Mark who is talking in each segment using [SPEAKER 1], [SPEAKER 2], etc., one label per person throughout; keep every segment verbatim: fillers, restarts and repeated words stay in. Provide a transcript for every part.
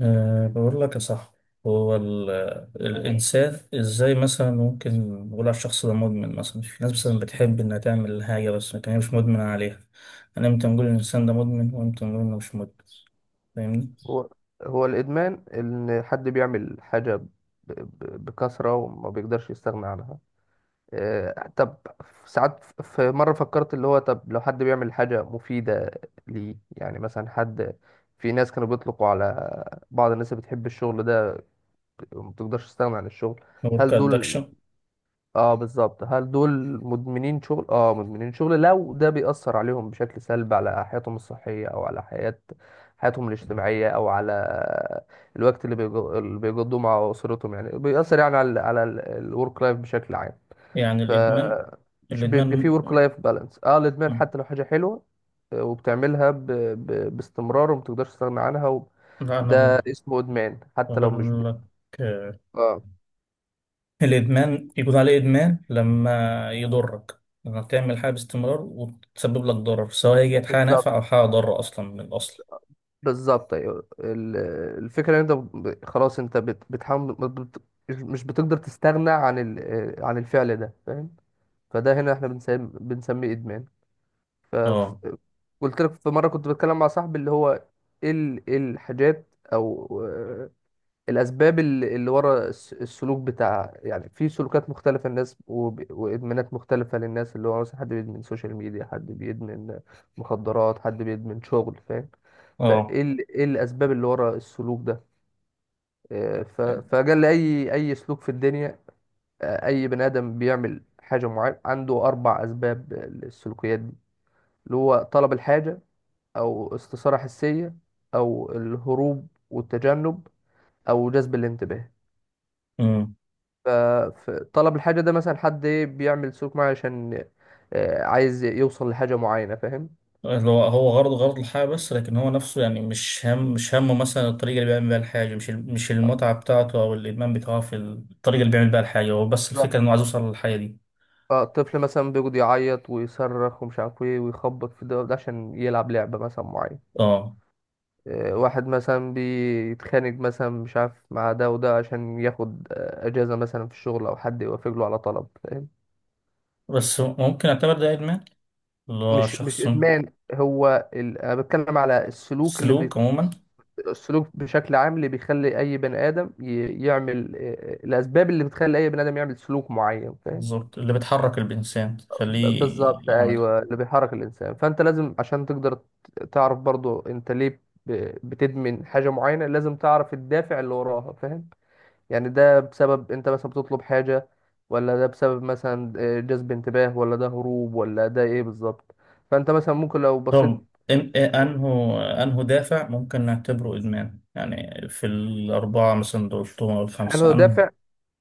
[SPEAKER 1] أه، بقول لك يا صاحبي. هو ال- تمام. الإنسان إزاي مثلا ممكن نقول على الشخص ده مدمن؟ مثلا في ناس مثلا بتحب إنها تعمل حاجة، بس لكن هي مش مدمنة عليها. أنا إمتى نقول إن الإنسان ده مدمن، وإمتى نقول إنه مش مدمن؟ فاهمني؟
[SPEAKER 2] هو هو الإدمان إن حد بيعمل حاجة ب- ب- بكثرة وما بيقدرش يستغنى عنها. آه، طب ساعات ف- في مرة فكرت اللي هو طب لو حد بيعمل حاجة مفيدة ليه، يعني مثلا حد، في ناس كانوا بيطلقوا على بعض الناس اللي بتحب الشغل ده وما بتقدرش تستغنى عن الشغل،
[SPEAKER 1] نقول
[SPEAKER 2] هل دول،
[SPEAKER 1] كأدكشن.
[SPEAKER 2] اه بالظبط، هل دول مدمنين شغل؟ اه، مدمنين شغل لو ده بيأثر عليهم بشكل سلبي على حياتهم الصحية او على حياة حياتهم الاجتماعية او على الوقت اللي بيج- اللي بيقضوه مع اسرتهم، يعني بيأثر يعني على ال على الورك لايف بشكل عام.
[SPEAKER 1] يعني
[SPEAKER 2] ف
[SPEAKER 1] الإدمان،
[SPEAKER 2] مش بيبقى فيه
[SPEAKER 1] الإدمان
[SPEAKER 2] ورك لايف بالانس، اه الادمان
[SPEAKER 1] م-
[SPEAKER 2] حتى لو حاجة حلوة آه، وبتعملها ب... ب... باستمرار ومتقدرش تستغنى عنها و...
[SPEAKER 1] لا أنا
[SPEAKER 2] ده
[SPEAKER 1] ب-
[SPEAKER 2] اسمه ادمان حتى لو مش ب...
[SPEAKER 1] بقول لك. آه،
[SPEAKER 2] اه
[SPEAKER 1] الإدمان يكون عليه إدمان لما يضرك، لما تعمل حاجة باستمرار وتسبب لك ضرر، سواء هي كانت حاجة
[SPEAKER 2] بالظبط.
[SPEAKER 1] نافعة أو حاجة ضارة أصلا من الأصل.
[SPEAKER 2] بالظبط ايوه، ال- الفكره ان انت ب- خلاص انت بت- بتحاول ما بت- مش بتقدر تستغنى عن ال- عن الفعل ده، فاهم؟ فده هنا احنا بنسميه بنسميه ادمان. ف ف-
[SPEAKER 1] اه.
[SPEAKER 2] قلت لك في مره كنت بتكلم مع صاحبي اللي هو ايه ال- إيه الحاجات او الاسباب اللي اللي ورا الس- السلوك بتاع، يعني في سلوكات مختلفه للناس وب- وادمانات مختلفه للناس، اللي هو مثلا حد بيدمن سوشيال ميديا، حد بيدمن مخدرات، حد بيدمن شغل، فاهم؟
[SPEAKER 1] اه.
[SPEAKER 2] فايه ال- ايه الاسباب اللي ورا السلوك ده. آه، ف- فجل اي اي سلوك في الدنيا، آه، اي بني ادم بيعمل حاجه معينه عنده اربع اسباب للسلوكيات دي، اللي هو طلب الحاجه، او استثاره حسيه، او الهروب والتجنب، او جذب الانتباه.
[SPEAKER 1] امم
[SPEAKER 2] ف- فطلب الحاجة ده مثلا حد إيه، بيعمل سلوك معين عشان آه، عايز يوصل لحاجة معينة، فاهم؟
[SPEAKER 1] اللي هو هو غرضه غرض الحياة، بس لكن هو نفسه يعني مش هم مش همه مثلا الطريقة اللي بيعمل بيها الحاجة. مش ال- مش المتعة بتاعته أو الإدمان بتاعه في الطريقة اللي بيعمل بيها الحاجة، هو بس الفكرة
[SPEAKER 2] بالظبط.
[SPEAKER 1] إنه عايز يوصل للحاجة دي.
[SPEAKER 2] فالطفل مثلا بيقعد يعيط ويصرخ ومش عارف ايه ويخبط في ده وده عشان يلعب لعبة مثلا معينة.
[SPEAKER 1] اه،
[SPEAKER 2] آه، واحد مثلا بيتخانق مثلا مش عارف مع ده وده عشان ياخد آه، أجازة مثلا في الشغل أو حد يوافق له على طلب، فاهم؟
[SPEAKER 1] بس ممكن أعتبر ده إدمان؟ اللي هو
[SPEAKER 2] مش مش
[SPEAKER 1] شخص...
[SPEAKER 2] إدمان، هو ال... أنا بتكلم على السلوك
[SPEAKER 1] سلوك
[SPEAKER 2] اللي،
[SPEAKER 1] عموما.
[SPEAKER 2] السلوك بشكل عام اللي بيخلي اي بني ادم ي- يعمل، آه، الاسباب اللي بتخلي اي بني ادم يعمل سلوك معين، فاهم؟
[SPEAKER 1] بالظبط، اللي بتحرك الإنسان تخليه
[SPEAKER 2] ب- بالظبط
[SPEAKER 1] يعملها.
[SPEAKER 2] ايوه، اللي بيحرك الانسان. فانت لازم عشان تقدر ت- تعرف برضو انت ليه ب- بتدمن حاجه معينه، لازم تعرف الدافع اللي وراها، فاهم؟ يعني ده بسبب انت مثلا بتطلب حاجه، ولا ده بسبب مثلا آه، جذب انتباه، ولا ده هروب، ولا ده ايه بالظبط. فانت مثلا ممكن لو بصيت،
[SPEAKER 1] طب إن- إيه أنه أنه دافع ممكن نعتبره إدمان؟ يعني في الأربعة مثلا دول أو
[SPEAKER 2] هل
[SPEAKER 1] الخمسة،
[SPEAKER 2] هو دافع،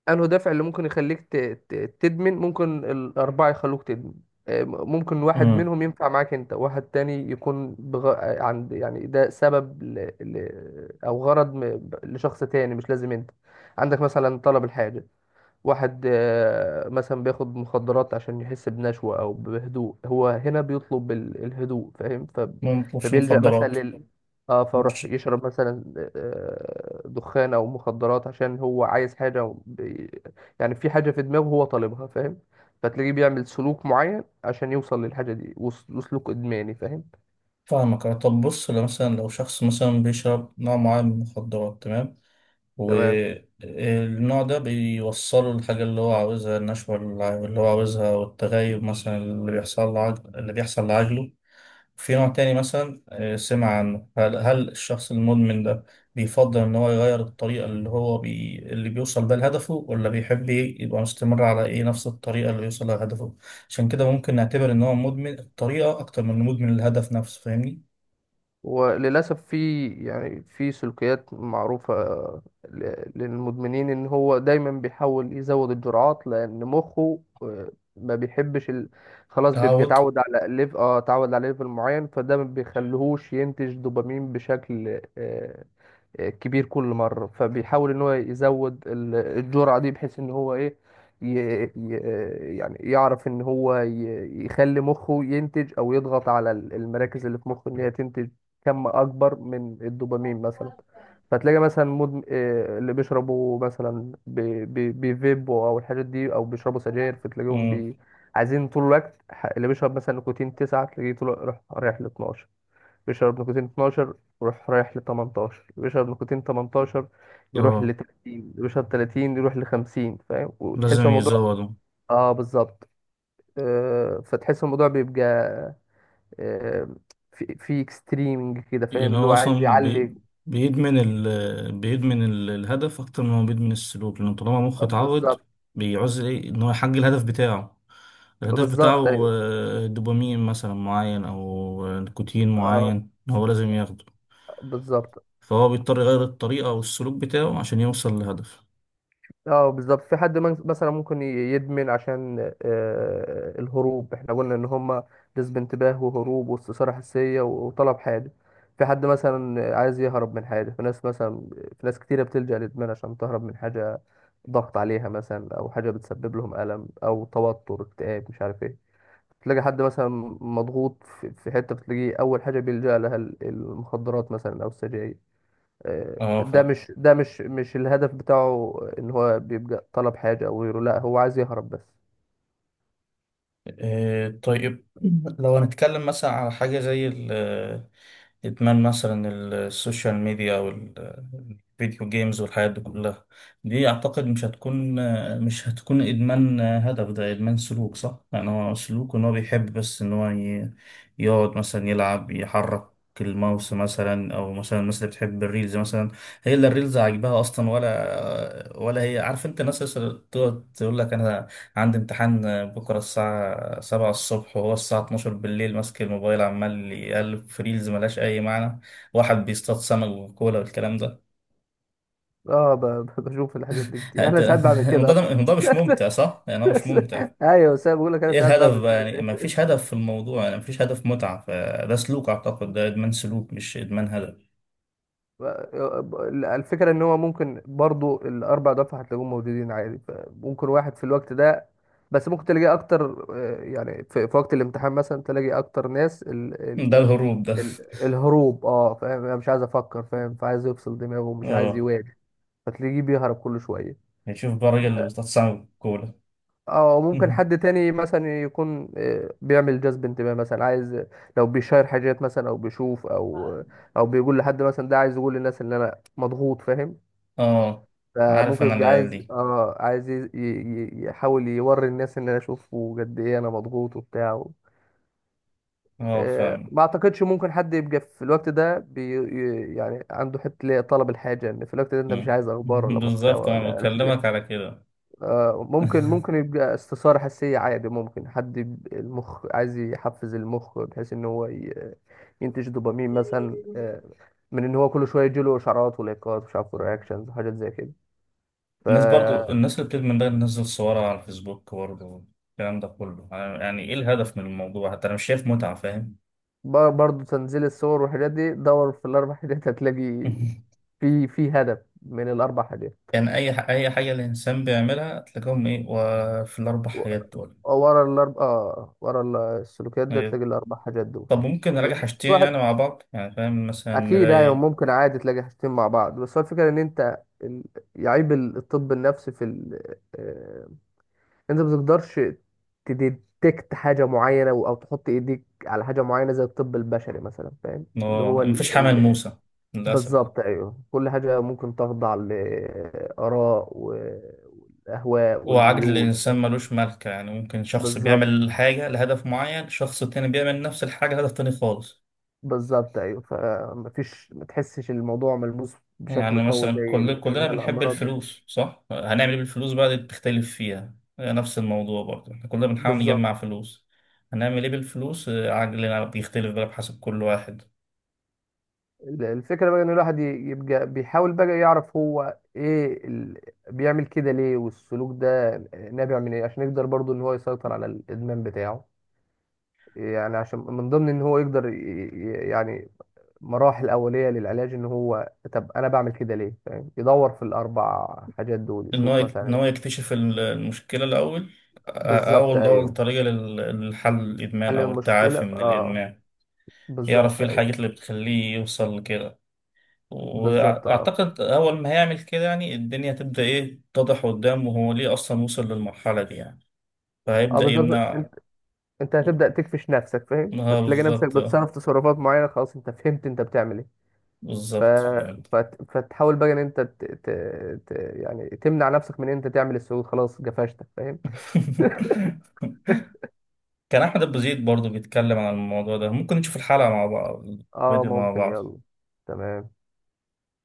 [SPEAKER 2] انه دافع اللي ممكن يخليك ت- ت- تدمن؟ ممكن الاربعه يخلوك تدمن. آه، ممكن واحد
[SPEAKER 1] أنه
[SPEAKER 2] منهم ينفع معاك انت، واحد تاني يكون بغ... آه، عند، يعني ده سبب ل... ل... او غرض م... لشخص تاني، مش لازم انت عندك مثلا طلب الحاجه. واحد آه، مثلا بياخد مخدرات عشان يحس بنشوة أو بهدوء، هو هنا بيطلب ال- الهدوء، فاهم؟ ف...
[SPEAKER 1] ما بيطلبش
[SPEAKER 2] فبيلجأ مثلا
[SPEAKER 1] مخدرات.
[SPEAKER 2] لل، اه فروح
[SPEAKER 1] مش
[SPEAKER 2] يشرب مثلا آه، دخان أو مخدرات عشان هو عايز حاجة و- بي- يعني في حاجة في دماغه هو طالبها، فاهم؟ فتلاقيه بيعمل سلوك معين عشان يوصل للحاجة دي وس- وسلوك إدماني، فاهم؟
[SPEAKER 1] فاهمك. أه، طب بص، لو مثلا لو شخص مثلا بيشرب نوع معين من المخدرات، تمام.
[SPEAKER 2] تمام.
[SPEAKER 1] والنوع ده بيوصله الحاجة اللي هو عاوزها، النشوة اللي اللي هو عاوزها، والتغيب مثلا اللي بيحصل لعجل اللي بيحصل لعجله. في نوع تاني مثلا، آه، سمع عنه. هل, هل الشخص المدمن ده بيفضل إن هو يغير الطريقة اللي هو بي... اللي بيوصل بيها لهدفه، ولا بيحب ي- يبقى مستمر على إيه نفس الطريقة اللي بيوصل لها لهدفه؟ عشان كده ممكن نعتبر إن هو مدمن الطريقة أكتر من مدمن الهدف نفسه، فاهمني؟
[SPEAKER 2] وللأسف في يعني في سلوكيات معروفة ل- للمدمنين، إن هو دايما بيحاول يزود الجرعات لأن مخه آه، ما بيحبش ال... خلاص بيبقى
[SPEAKER 1] تعود.
[SPEAKER 2] اتعود على ليف اه اتعود على ليفل معين، فده ما بيخليهوش ينتج دوبامين بشكل آه، كبير كل مرة، فبيحاول ان هو يزود ال- الجرعة دي بحيث ان هو ايه، ي... ي... يعني يعرف ان هو ي... يخلي مخه ينتج او يضغط على ال- المراكز اللي في مخه ان هي تنتج كم اكبر من الدوبامين مثلا. فتلاقي مثلا مدم... آه، اللي بيشربوا مثلا ب... ب... بيفيبوا او الحاجات دي او بيشربوا سجاير، فتلاقيهم
[SPEAKER 1] مم.
[SPEAKER 2] بي... عايزين طول الوقت ح- اللي بيشرب مثلا نيكوتين تسعة تلاقيه طول رايح ل اتناشر، بيشرب نيكوتين اتناشر يروح رايح ل تمنتاشر، بيشرب نيكوتين تمنتاشر يروح
[SPEAKER 1] اه،
[SPEAKER 2] ل تلاتين، بيشرب تلاتين يروح ل خمسين، فاهم؟ وتحس
[SPEAKER 1] لازم
[SPEAKER 2] الموضوع،
[SPEAKER 1] يزوده.
[SPEAKER 2] اه بالظبط. آه فتحس الموضوع بيبقى آه في في اكستريمنج كده، فاهم؟
[SPEAKER 1] يعني
[SPEAKER 2] اللي هو
[SPEAKER 1] هو
[SPEAKER 2] عايز
[SPEAKER 1] اصلا بي...
[SPEAKER 2] يعلي.
[SPEAKER 1] بيدمن ال... بيدمن ال- الهدف اكتر ما هو بيدمن السلوك، لان طالما مخه
[SPEAKER 2] آه،
[SPEAKER 1] اتعود،
[SPEAKER 2] بالظبط.
[SPEAKER 1] بيعوز ايه ان هو يحقق الهدف بتاعه. الهدف
[SPEAKER 2] بالظبط
[SPEAKER 1] بتاعه،
[SPEAKER 2] ايوه.
[SPEAKER 1] آه، دوبامين مثلا معين، او آه، نيكوتين
[SPEAKER 2] اه
[SPEAKER 1] معين هو لازم ياخده.
[SPEAKER 2] بالظبط.
[SPEAKER 1] فهو بيضطر يغير الطريقة او السلوك بتاعه عشان يوصل لهدف.
[SPEAKER 2] اه بالظبط. في حد من- مثلا ممكن ي- يدمن عشان آه، الهروب، احنا قلنا ان هما جذب انتباه وهروب واستثارة حسية و- وطلب حاجة. في حد مثلا عايز يهرب من حاجة، في ناس مثلا، في ناس كتيرة بتلجأ للإدمان عشان تهرب من حاجة ضغط عليها مثلا، أو حاجة بتسبب لهم ألم أو توتر اكتئاب مش عارف ايه. تلاقي حد مثلا مضغوط في في حتة، بتلاقيه أول حاجة بيلجأ لها ال- المخدرات مثلا أو السجاير. آه،
[SPEAKER 1] اه،
[SPEAKER 2] ده
[SPEAKER 1] فاهم.
[SPEAKER 2] مش ده مش مش الهدف بتاعه ان هو بيبقى طلب حاجه او غيره، لا هو عايز يهرب بس.
[SPEAKER 1] آه، طيب. لو هنتكلم مثلا على حاجة زي ال- إدمان مثلا السوشيال ميديا، أو ال- الفيديو جيمز، والحاجات دي كلها، دي أعتقد مش هتكون مش هتكون إدمان هدف، ده إدمان سلوك، صح؟ يعني هو سلوك، إن هو بيحب بس إن هو ي- يقعد مثلا يلعب، يحرك الماوس مثلا، او مثلا الناس اللي بتحب الريلز مثلا. هي اللي الريلز عاجباها اصلا، ولا ولا هي؟ عارف انت الناس اللي تقعد تقول لك، انا عندي امتحان بكرة الساعة سبعة الصبح، وهو الساعة اتناشر بالليل ماسك الموبايل عمال يقلب في ريلز ملهاش أي معنى. واحد بيصطاد سمك وكولا والكلام ده.
[SPEAKER 2] اه، ب- ب- بشوف الحاجات دي كتير
[SPEAKER 1] أنت-
[SPEAKER 2] انا ساعات بعمل
[SPEAKER 1] الموضوع
[SPEAKER 2] كده.
[SPEAKER 1] ده، الموضوع مش ممتع،
[SPEAKER 2] أصلاً.
[SPEAKER 1] صح؟ يعني هو مش ممتع.
[SPEAKER 2] ايوه، بس أنا بقول لك انا
[SPEAKER 1] ايه
[SPEAKER 2] ساعات
[SPEAKER 1] الهدف
[SPEAKER 2] بعمل
[SPEAKER 1] بقى؟
[SPEAKER 2] كده.
[SPEAKER 1] يعني ما فيش هدف في الموضوع، يعني ما فيش هدف متعة. فده سلوك، أعتقد ده إدمان سلوك، مش إدمان هدف.
[SPEAKER 2] ب- الفكره ان هو ممكن برضو الاربع دفع هتلاقيهم موجودين عادي، ممكن واحد في الوقت ده، بس ممكن تلاقي اكتر. آه، يعني في في وقت الامتحان مثلا تلاقي اكتر ناس ال
[SPEAKER 1] ده
[SPEAKER 2] ال
[SPEAKER 1] الهروب ده.
[SPEAKER 2] ال الهروب، اه فاهم؟ أنا مش عايز افكر، فاهم؟ فعايز يفصل دماغه ومش عايز
[SPEAKER 1] اه،
[SPEAKER 2] يواجه، فتلاقيه بيهرب كل شوية.
[SPEAKER 1] نشوف بقى الراجل اللي بيصطاد سمك وكولا.
[SPEAKER 2] أو ممكن حد تاني مثلا يكون آه، بيعمل جذب انتباه مثلا، عايز لو بيشير حاجات مثلا أو بيشوف، أو أو بيقول لحد مثلا، ده عايز يقول للناس إن أنا مضغوط، فاهم؟
[SPEAKER 1] اه، عارف
[SPEAKER 2] فممكن
[SPEAKER 1] أنا
[SPEAKER 2] يبقى
[SPEAKER 1] العيال
[SPEAKER 2] عايز،
[SPEAKER 1] دي.
[SPEAKER 2] اه عايز ي- ي- يحاول يوري الناس ان انا اشوفه قد ايه انا مضغوط وبتاع و-
[SPEAKER 1] اه،
[SPEAKER 2] آه،
[SPEAKER 1] فاهم.
[SPEAKER 2] ما اعتقدش ممكن حد يبقى في الوقت ده بي ي- يعني عنده حته اللي هي طلب الحاجه، ان في الوقت ده انت مش
[SPEAKER 1] مم.
[SPEAKER 2] عايز اخبار ولا محتوى
[SPEAKER 1] بالظبط، انا
[SPEAKER 2] ولا
[SPEAKER 1] بكلمك على كده.
[SPEAKER 2] آه، ممكن ممكن يبقى استثارة حسية عادي، ممكن حد يب- المخ عايز يحفز المخ بحيث ان هو ي- ينتج دوبامين مثلا، آه، من ان هو كل شوية يجيله اشعارات ولايكات ومش عارف رياكشنز وحاجات زي كده. ف
[SPEAKER 1] الناس، برضو الناس اللي بتدمن ده تنزل صورها على الفيسبوك. برضو، الكلام ده كله، يعني ايه الهدف من الموضوع؟ حتى انا مش شايف متعة، فاهم.
[SPEAKER 2] بر- برضه تنزيل الصور والحاجات دي دور في الاربع حاجات، هتلاقي في في هدف من الاربع حاجات.
[SPEAKER 1] يعني اي ح- اي حاجة الانسان بيعملها تلاقيهم ايه، وفي الاربع
[SPEAKER 2] و-
[SPEAKER 1] حاجات دول.
[SPEAKER 2] ورا الاربع، اه ورا ال- السلوكيات ده
[SPEAKER 1] إيه.
[SPEAKER 2] تلاقي الاربع حاجات دول.
[SPEAKER 1] طب ممكن نراجع
[SPEAKER 2] في
[SPEAKER 1] حاجتين يعني
[SPEAKER 2] واحد،
[SPEAKER 1] مع بعض، يعني فاهم، مثلا
[SPEAKER 2] اكيد ايوه
[SPEAKER 1] نلاقي.
[SPEAKER 2] ممكن عادي تلاقي حاجتين مع بعض، بس هو الفكره ان انت ال- يعيب ال- الطب النفسي في ال... آه، انت ما بتقدرش تديتكت حاجه معينه او تحط ايديك على حاجه معينه زي الطب البشري مثلا، فاهم؟ اللي هو
[SPEAKER 1] اه،
[SPEAKER 2] ال...
[SPEAKER 1] مفيش حمل
[SPEAKER 2] ال...
[SPEAKER 1] موسى للاسف.
[SPEAKER 2] بالظبط ايوه. كل حاجه ممكن تخضع لاراء والاهواء
[SPEAKER 1] وعجل
[SPEAKER 2] والميول.
[SPEAKER 1] الإنسان ملوش ملكة، يعني ممكن شخص
[SPEAKER 2] بالظبط.
[SPEAKER 1] بيعمل حاجة لهدف معين، شخص تاني بيعمل نفس الحاجة لهدف تاني خالص.
[SPEAKER 2] بالظبط ايوه، فمفيش، ما تحسش الموضوع ملموس بشكل
[SPEAKER 1] يعني
[SPEAKER 2] قوي
[SPEAKER 1] مثلا
[SPEAKER 2] زي
[SPEAKER 1] كل
[SPEAKER 2] ال...
[SPEAKER 1] كلنا
[SPEAKER 2] زي
[SPEAKER 1] بنحب
[SPEAKER 2] الامراض.
[SPEAKER 1] الفلوس، صح؟ هنعمل ايه بالفلوس بقى؟ دي بتختلف فيها. آه، نفس الموضوع برضه، احنا كلنا بنحاول
[SPEAKER 2] بالظبط.
[SPEAKER 1] نجمع فلوس، هنعمل ايه بالفلوس؟ آه، عقلنا بيختلف بقى بحسب كل واحد.
[SPEAKER 2] الفكرة بقى ان الواحد ي- يبقى بيحاول بقى يعرف هو ايه ال... بيعمل كده ليه، والسلوك ده نابع من ايه، عشان يقدر برضو ان هو يسيطر على الادمان بتاعه. يعني عشان من ضمن ان هو يقدر ي... ي- يعني مراحل اولية للعلاج ان هو طب انا بعمل كده ليه، فاهم؟ يدور في الاربع حاجات دول
[SPEAKER 1] ان هو
[SPEAKER 2] يشوف
[SPEAKER 1] يك- ان
[SPEAKER 2] مثلا.
[SPEAKER 1] هو يكتشف ال- المشكلة الأول. آه،
[SPEAKER 2] بالظبط
[SPEAKER 1] أول أول
[SPEAKER 2] ايوه.
[SPEAKER 1] طريقة لل- للحل الإدمان،
[SPEAKER 2] حل
[SPEAKER 1] أو
[SPEAKER 2] المشكلة،
[SPEAKER 1] التعافي من
[SPEAKER 2] اه
[SPEAKER 1] الإدمان. يعرف
[SPEAKER 2] بالظبط
[SPEAKER 1] ايه
[SPEAKER 2] ايوه.
[SPEAKER 1] الحاجات اللي بتخليه يوصل لكده.
[SPEAKER 2] بالظبط. اه.
[SPEAKER 1] وأعتقد أول ما هيعمل كده، يعني الدنيا هتبدأ إيه تتضح قدامه هو ليه أصلا وصل للمرحلة دي يعني.
[SPEAKER 2] اه
[SPEAKER 1] فهيبدأ
[SPEAKER 2] بالظبط.
[SPEAKER 1] يمنع.
[SPEAKER 2] انت هتبدأ تكفش نفسك، فاهم؟
[SPEAKER 1] اه،
[SPEAKER 2] فتلاقي نفسك
[SPEAKER 1] بالظبط. آه،
[SPEAKER 2] بتصرف تصرفات معينة، خلاص انت فهمت انت بتعمل ايه. ف...
[SPEAKER 1] بالظبط، فهمت.
[SPEAKER 2] فت... فتحاول بقى ان انت ت... ت... ت... يعني تمنع نفسك من ان انت تعمل السجود، خلاص جفشتك، فاهم؟
[SPEAKER 1] كان احمد ابو زيد برضه بيتكلم عن الموضوع ده، ممكن نشوف الحلقه مع بعض،
[SPEAKER 2] اه
[SPEAKER 1] الفيديو مع
[SPEAKER 2] ممكن،
[SPEAKER 1] بعض.
[SPEAKER 2] يلا، تمام.